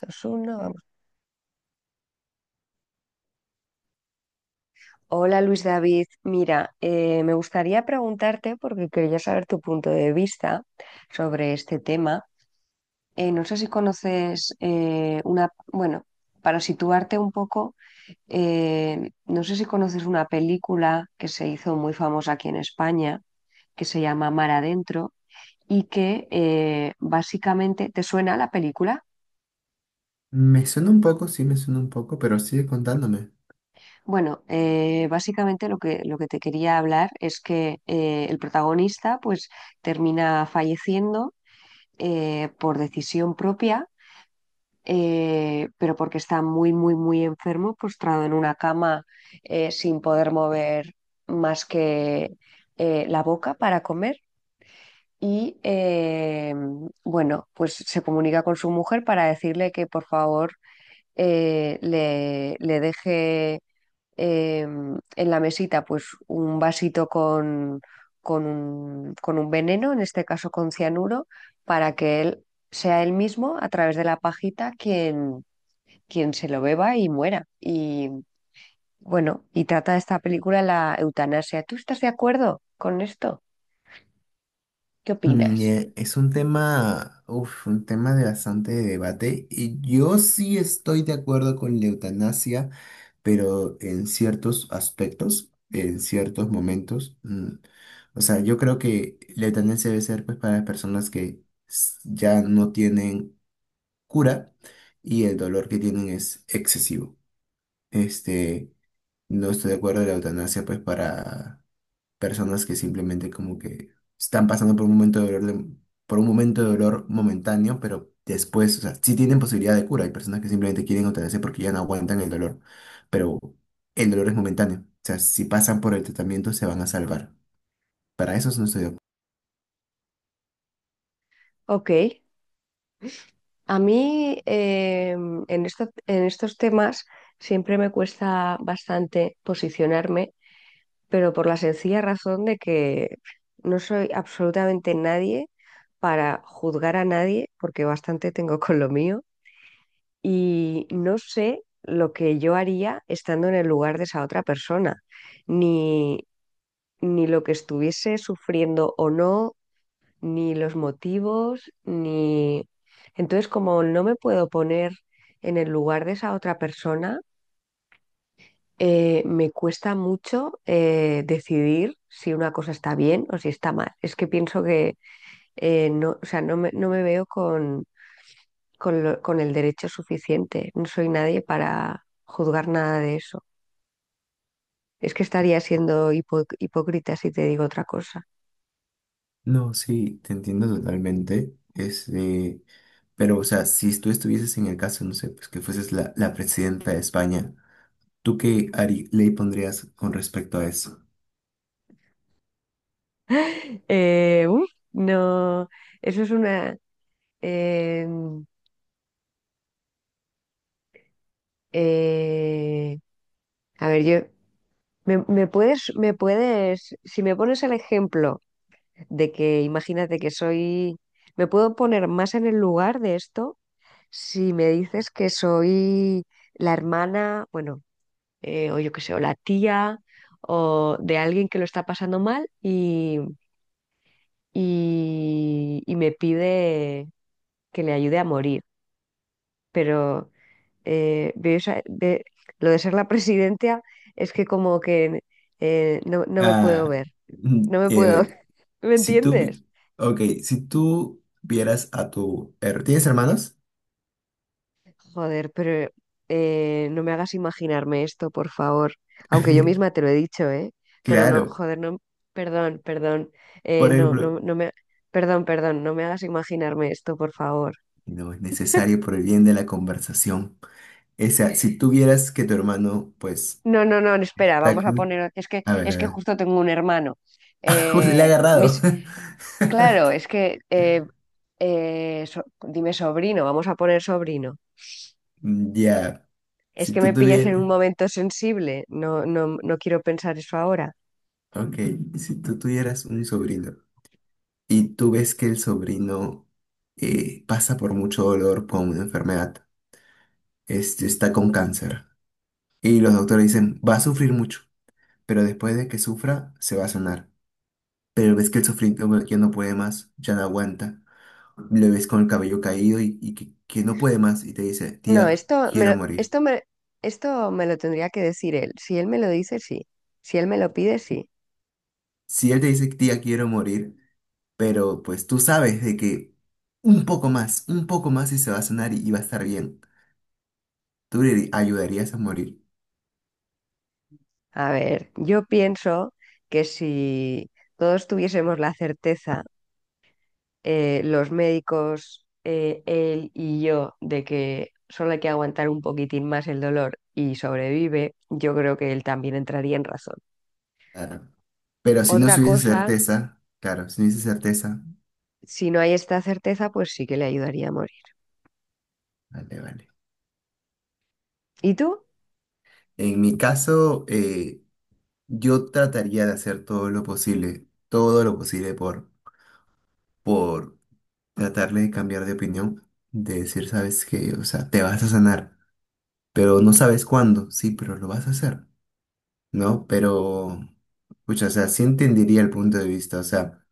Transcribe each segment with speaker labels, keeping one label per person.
Speaker 1: Dos, uno, vamos. Hola Luis David, mira, me gustaría preguntarte, porque quería saber tu punto de vista sobre este tema. No sé si conoces una, bueno, para situarte un poco, no sé si conoces una película que se hizo muy famosa aquí en España, que se llama Mar Adentro, y que básicamente, ¿te suena la película?
Speaker 2: Me suena un poco, sí me suena un poco, pero sigue contándome.
Speaker 1: Bueno, básicamente lo que te quería hablar es que el protagonista pues termina falleciendo por decisión propia, pero porque está muy, muy, muy enfermo, postrado en una cama sin poder mover más que la boca para comer. Y bueno, pues se comunica con su mujer para decirle que por favor le deje eh, en la mesita pues un vasito con un veneno, en este caso con cianuro, para que él sea él mismo a través de la pajita quien, quien se lo beba y muera. Y bueno, y trata esta película la eutanasia. ¿Tú estás de acuerdo con esto? ¿Qué opinas?
Speaker 2: Es un tema, un tema de bastante debate, y yo sí estoy de acuerdo con la eutanasia, pero en ciertos aspectos, en ciertos momentos. O sea, yo creo que la eutanasia debe ser pues para las personas que ya no tienen cura y el dolor que tienen es excesivo. Este, no estoy de acuerdo en la eutanasia pues para personas que simplemente como que están pasando por un momento de dolor, por un momento de dolor momentáneo, pero después, o sea, sí tienen posibilidad de cura. Hay personas que simplemente quieren otenerse porque ya no aguantan el dolor, pero el dolor es momentáneo. O sea, si pasan por el tratamiento se van a salvar. Para eso no estoy de acuerdo.
Speaker 1: Ok. A mí en en estos temas siempre me cuesta bastante posicionarme, pero por la sencilla razón de que no soy absolutamente nadie para juzgar a nadie, porque bastante tengo con lo mío, y no sé lo que yo haría estando en el lugar de esa otra persona, ni, ni lo que estuviese sufriendo o no, ni los motivos, ni... Entonces, como no me puedo poner en el lugar de esa otra persona, me cuesta mucho decidir si una cosa está bien o si está mal. Es que pienso que no, o sea, no me veo con, con el derecho suficiente. No soy nadie para juzgar nada de eso. Es que estaría siendo hipócrita si te digo otra cosa.
Speaker 2: No, sí, te entiendo totalmente. Pero, o sea, si tú estuvieses en el caso, no sé, pues que fueses la presidenta de España, ¿tú qué Ari, ley pondrías con respecto a eso?
Speaker 1: No, eso es una... eh, eh, a ver, yo... ¿Me, me puedes, si me pones el ejemplo de que imagínate que soy, me puedo poner más en el lugar de esto si me dices que soy la hermana, bueno, o yo qué sé, o la tía, o de alguien que lo está pasando mal y me pide que le ayude a morir. Pero veo lo de ser la presidenta es que como que no, no me puedo
Speaker 2: Ah,
Speaker 1: ver,
Speaker 2: mm,
Speaker 1: no me puedo,
Speaker 2: eh,
Speaker 1: ¿me
Speaker 2: si
Speaker 1: entiendes?
Speaker 2: ok, si tú vieras a tu... ¿tienes hermanos?
Speaker 1: Joder, pero no me hagas imaginarme esto, por favor. Aunque yo misma te lo he dicho, ¿eh? Pero no,
Speaker 2: Claro,
Speaker 1: joder, no, perdón, perdón,
Speaker 2: por
Speaker 1: no,
Speaker 2: ejemplo,
Speaker 1: no, perdón, perdón, no me hagas imaginarme esto, por favor.
Speaker 2: no es necesario por el bien de la conversación. O sea, si tú vieras que tu hermano, pues,
Speaker 1: No, no, no, espera,
Speaker 2: está
Speaker 1: vamos a
Speaker 2: cu-
Speaker 1: poner,
Speaker 2: a ver,
Speaker 1: es
Speaker 2: a
Speaker 1: que
Speaker 2: ver.
Speaker 1: justo tengo un hermano.
Speaker 2: Justo le ha
Speaker 1: Eh,
Speaker 2: agarrado.
Speaker 1: mis, claro, dime sobrino, vamos a poner sobrino.
Speaker 2: Ya,
Speaker 1: Es
Speaker 2: si
Speaker 1: que me
Speaker 2: tú
Speaker 1: pillas en
Speaker 2: tuvieras...
Speaker 1: un momento sensible, no, no, no quiero pensar eso ahora.
Speaker 2: Ok, si tú tuvieras un sobrino y tú ves que el sobrino pasa por mucho dolor con una enfermedad, este está con cáncer. Y los doctores dicen, va a sufrir mucho, pero después de que sufra, se va a sanar. Pero ves que el sufrimiento ya no puede más, ya no aguanta. Le ves con el cabello caído y que no puede más y te dice,
Speaker 1: No,
Speaker 2: tía, quiero morir.
Speaker 1: esto me lo tendría que decir él. Si él me lo dice, sí. Si él me lo pide, sí.
Speaker 2: Si él te dice, tía, quiero morir, pero pues tú sabes de que un poco más y se va a sanar y va a estar bien. Tú le ayudarías a morir.
Speaker 1: A ver, yo pienso que si todos tuviésemos la certeza, los médicos, él y yo, de que solo hay que aguantar un poquitín más el dolor y sobrevive, yo creo que él también entraría en razón.
Speaker 2: Claro. Pero si no
Speaker 1: Otra
Speaker 2: hubiese
Speaker 1: cosa,
Speaker 2: certeza, claro, si no hubiese certeza,
Speaker 1: si no hay esta certeza, pues sí que le ayudaría a morir.
Speaker 2: vale, vale.
Speaker 1: ¿Y tú?
Speaker 2: En mi caso, yo trataría de hacer todo lo posible por tratarle de cambiar de opinión, de decir, sabes que, o sea, te vas a sanar, pero no sabes cuándo, sí, pero lo vas a hacer, ¿no? Pero, pucha, o sea, sí entendería el punto de vista, o sea,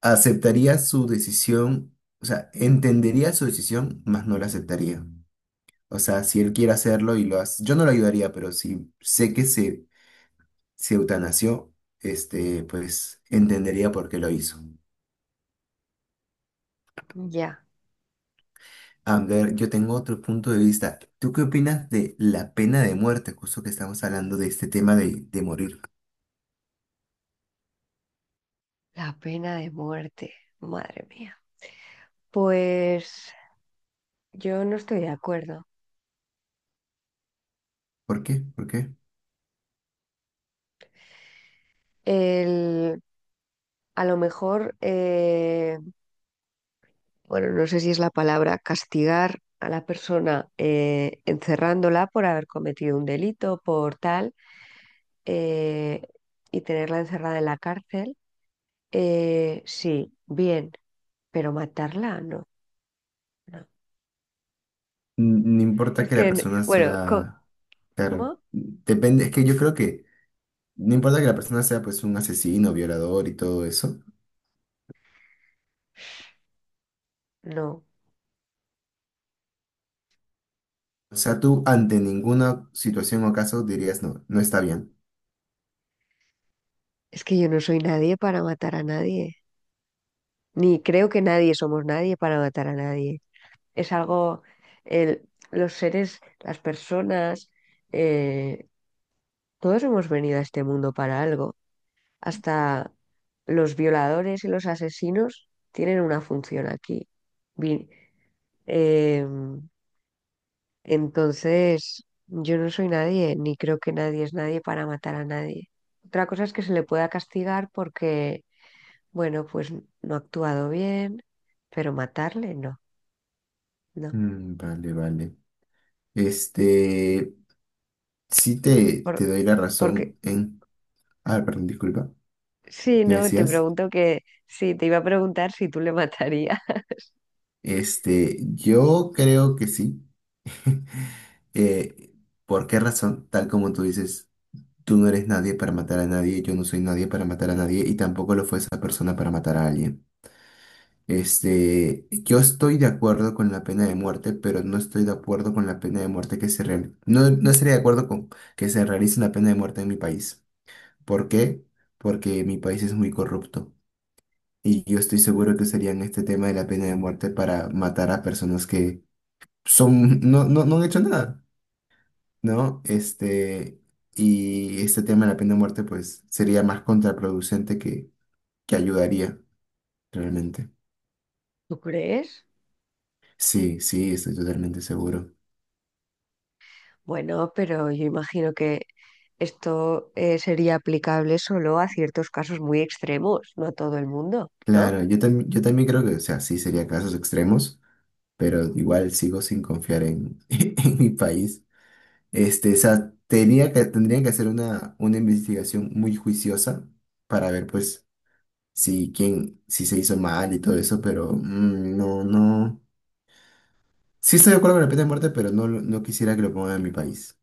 Speaker 2: aceptaría su decisión, o sea, entendería su decisión, más no la aceptaría. O sea, si él quiere hacerlo y lo hace, yo no lo ayudaría, pero si sé que se eutanasió, pues entendería por qué lo hizo.
Speaker 1: Ya,
Speaker 2: A ver, yo tengo otro punto de vista. ¿Tú qué opinas de la pena de muerte? Justo que estamos hablando de este tema de morir.
Speaker 1: la pena de muerte. Madre mía. Pues yo no estoy de acuerdo.
Speaker 2: ¿Por qué? ¿Por qué?
Speaker 1: El, a lo mejor, bueno, no sé si es la palabra, castigar a la persona encerrándola por haber cometido un delito, por tal, eh, y tenerla encerrada en la cárcel, sí, bien, pero matarla, no, no.
Speaker 2: No importa
Speaker 1: Es
Speaker 2: que
Speaker 1: que,
Speaker 2: la
Speaker 1: n-
Speaker 2: persona
Speaker 1: bueno, co-
Speaker 2: sea, claro,
Speaker 1: ¿cómo?
Speaker 2: depende, es que yo creo que no importa que la persona sea pues un asesino, violador y todo eso.
Speaker 1: No,
Speaker 2: O sea, tú ante ninguna situación o caso dirías no, no está bien.
Speaker 1: es que yo no soy nadie para matar a nadie, ni creo que nadie somos nadie para matar a nadie. Es algo, los seres, las personas, eh, todos hemos venido a este mundo para algo. Hasta los violadores y los asesinos tienen una función aquí. Vi- em, entonces, yo no soy nadie, ni creo que nadie es nadie para matar a nadie. Otra cosa es que se le pueda castigar porque, bueno, pues no ha actuado bien, pero matarle no, no.
Speaker 2: Vale, vale. Este, Sí te,
Speaker 1: Por-
Speaker 2: te doy la
Speaker 1: porque
Speaker 2: razón en... Ah, perdón, disculpa.
Speaker 1: sí,
Speaker 2: ¿Me
Speaker 1: no, te
Speaker 2: decías?
Speaker 1: pregunto que sí, te iba a preguntar si tú le matarías.
Speaker 2: Este, yo creo que sí. Eh, ¿Por qué razón? Tal como tú dices, tú no eres nadie para matar a nadie, yo no soy nadie para matar a nadie y tampoco lo fue esa persona para matar a alguien. Este, yo estoy de acuerdo con la pena de muerte, pero no estoy de acuerdo con la pena de muerte que se realice. No, no estaría de acuerdo con que se realice una pena de muerte en mi país. ¿Por qué? Porque mi país es muy corrupto. Y yo estoy seguro que usarían este tema de la pena de muerte para matar a personas que son, no, no, no han hecho nada, ¿no? Este, y este tema de la pena de muerte, pues, sería más contraproducente que ayudaría, realmente.
Speaker 1: ¿Tú crees?
Speaker 2: Sí, sí, estoy totalmente seguro.
Speaker 1: Bueno, pero yo imagino que esto sería aplicable solo a ciertos casos muy extremos, no a todo el mundo, ¿no?
Speaker 2: Claro, yo también creo que, o sea, sí sería casos extremos, pero igual sigo sin confiar en, en mi país. Este, o sea, tenía que, tendrían que hacer una investigación muy juiciosa para ver, pues, sí, quién, sí se hizo mal y todo eso, pero no, no. Sí estoy de acuerdo con la pena de muerte, pero no, no quisiera que lo pongan en mi país.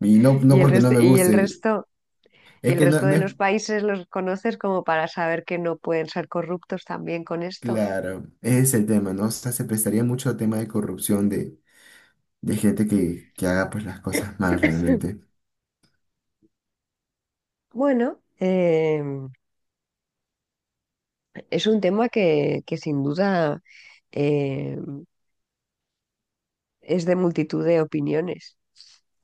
Speaker 2: Y no, no
Speaker 1: Y el
Speaker 2: porque no
Speaker 1: resto,
Speaker 2: me
Speaker 1: y el
Speaker 2: guste,
Speaker 1: resto, y
Speaker 2: es
Speaker 1: el
Speaker 2: que no,
Speaker 1: resto de
Speaker 2: no es
Speaker 1: los países los conoces como para saber que no pueden ser corruptos también con esto.
Speaker 2: claro, ese es el tema, ¿no? O sea, se prestaría mucho a tema de corrupción de gente que haga pues las cosas mal realmente.
Speaker 1: Bueno, es un tema que sin duda... em, es de multitud de opiniones.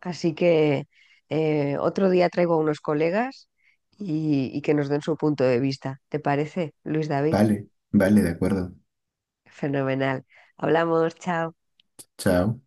Speaker 1: Así que otro día traigo a unos colegas y que nos den su punto de vista. ¿Te parece, Luis David?
Speaker 2: Vale, vale, de acuerdo.
Speaker 1: Fenomenal. Hablamos, chao.
Speaker 2: Chao.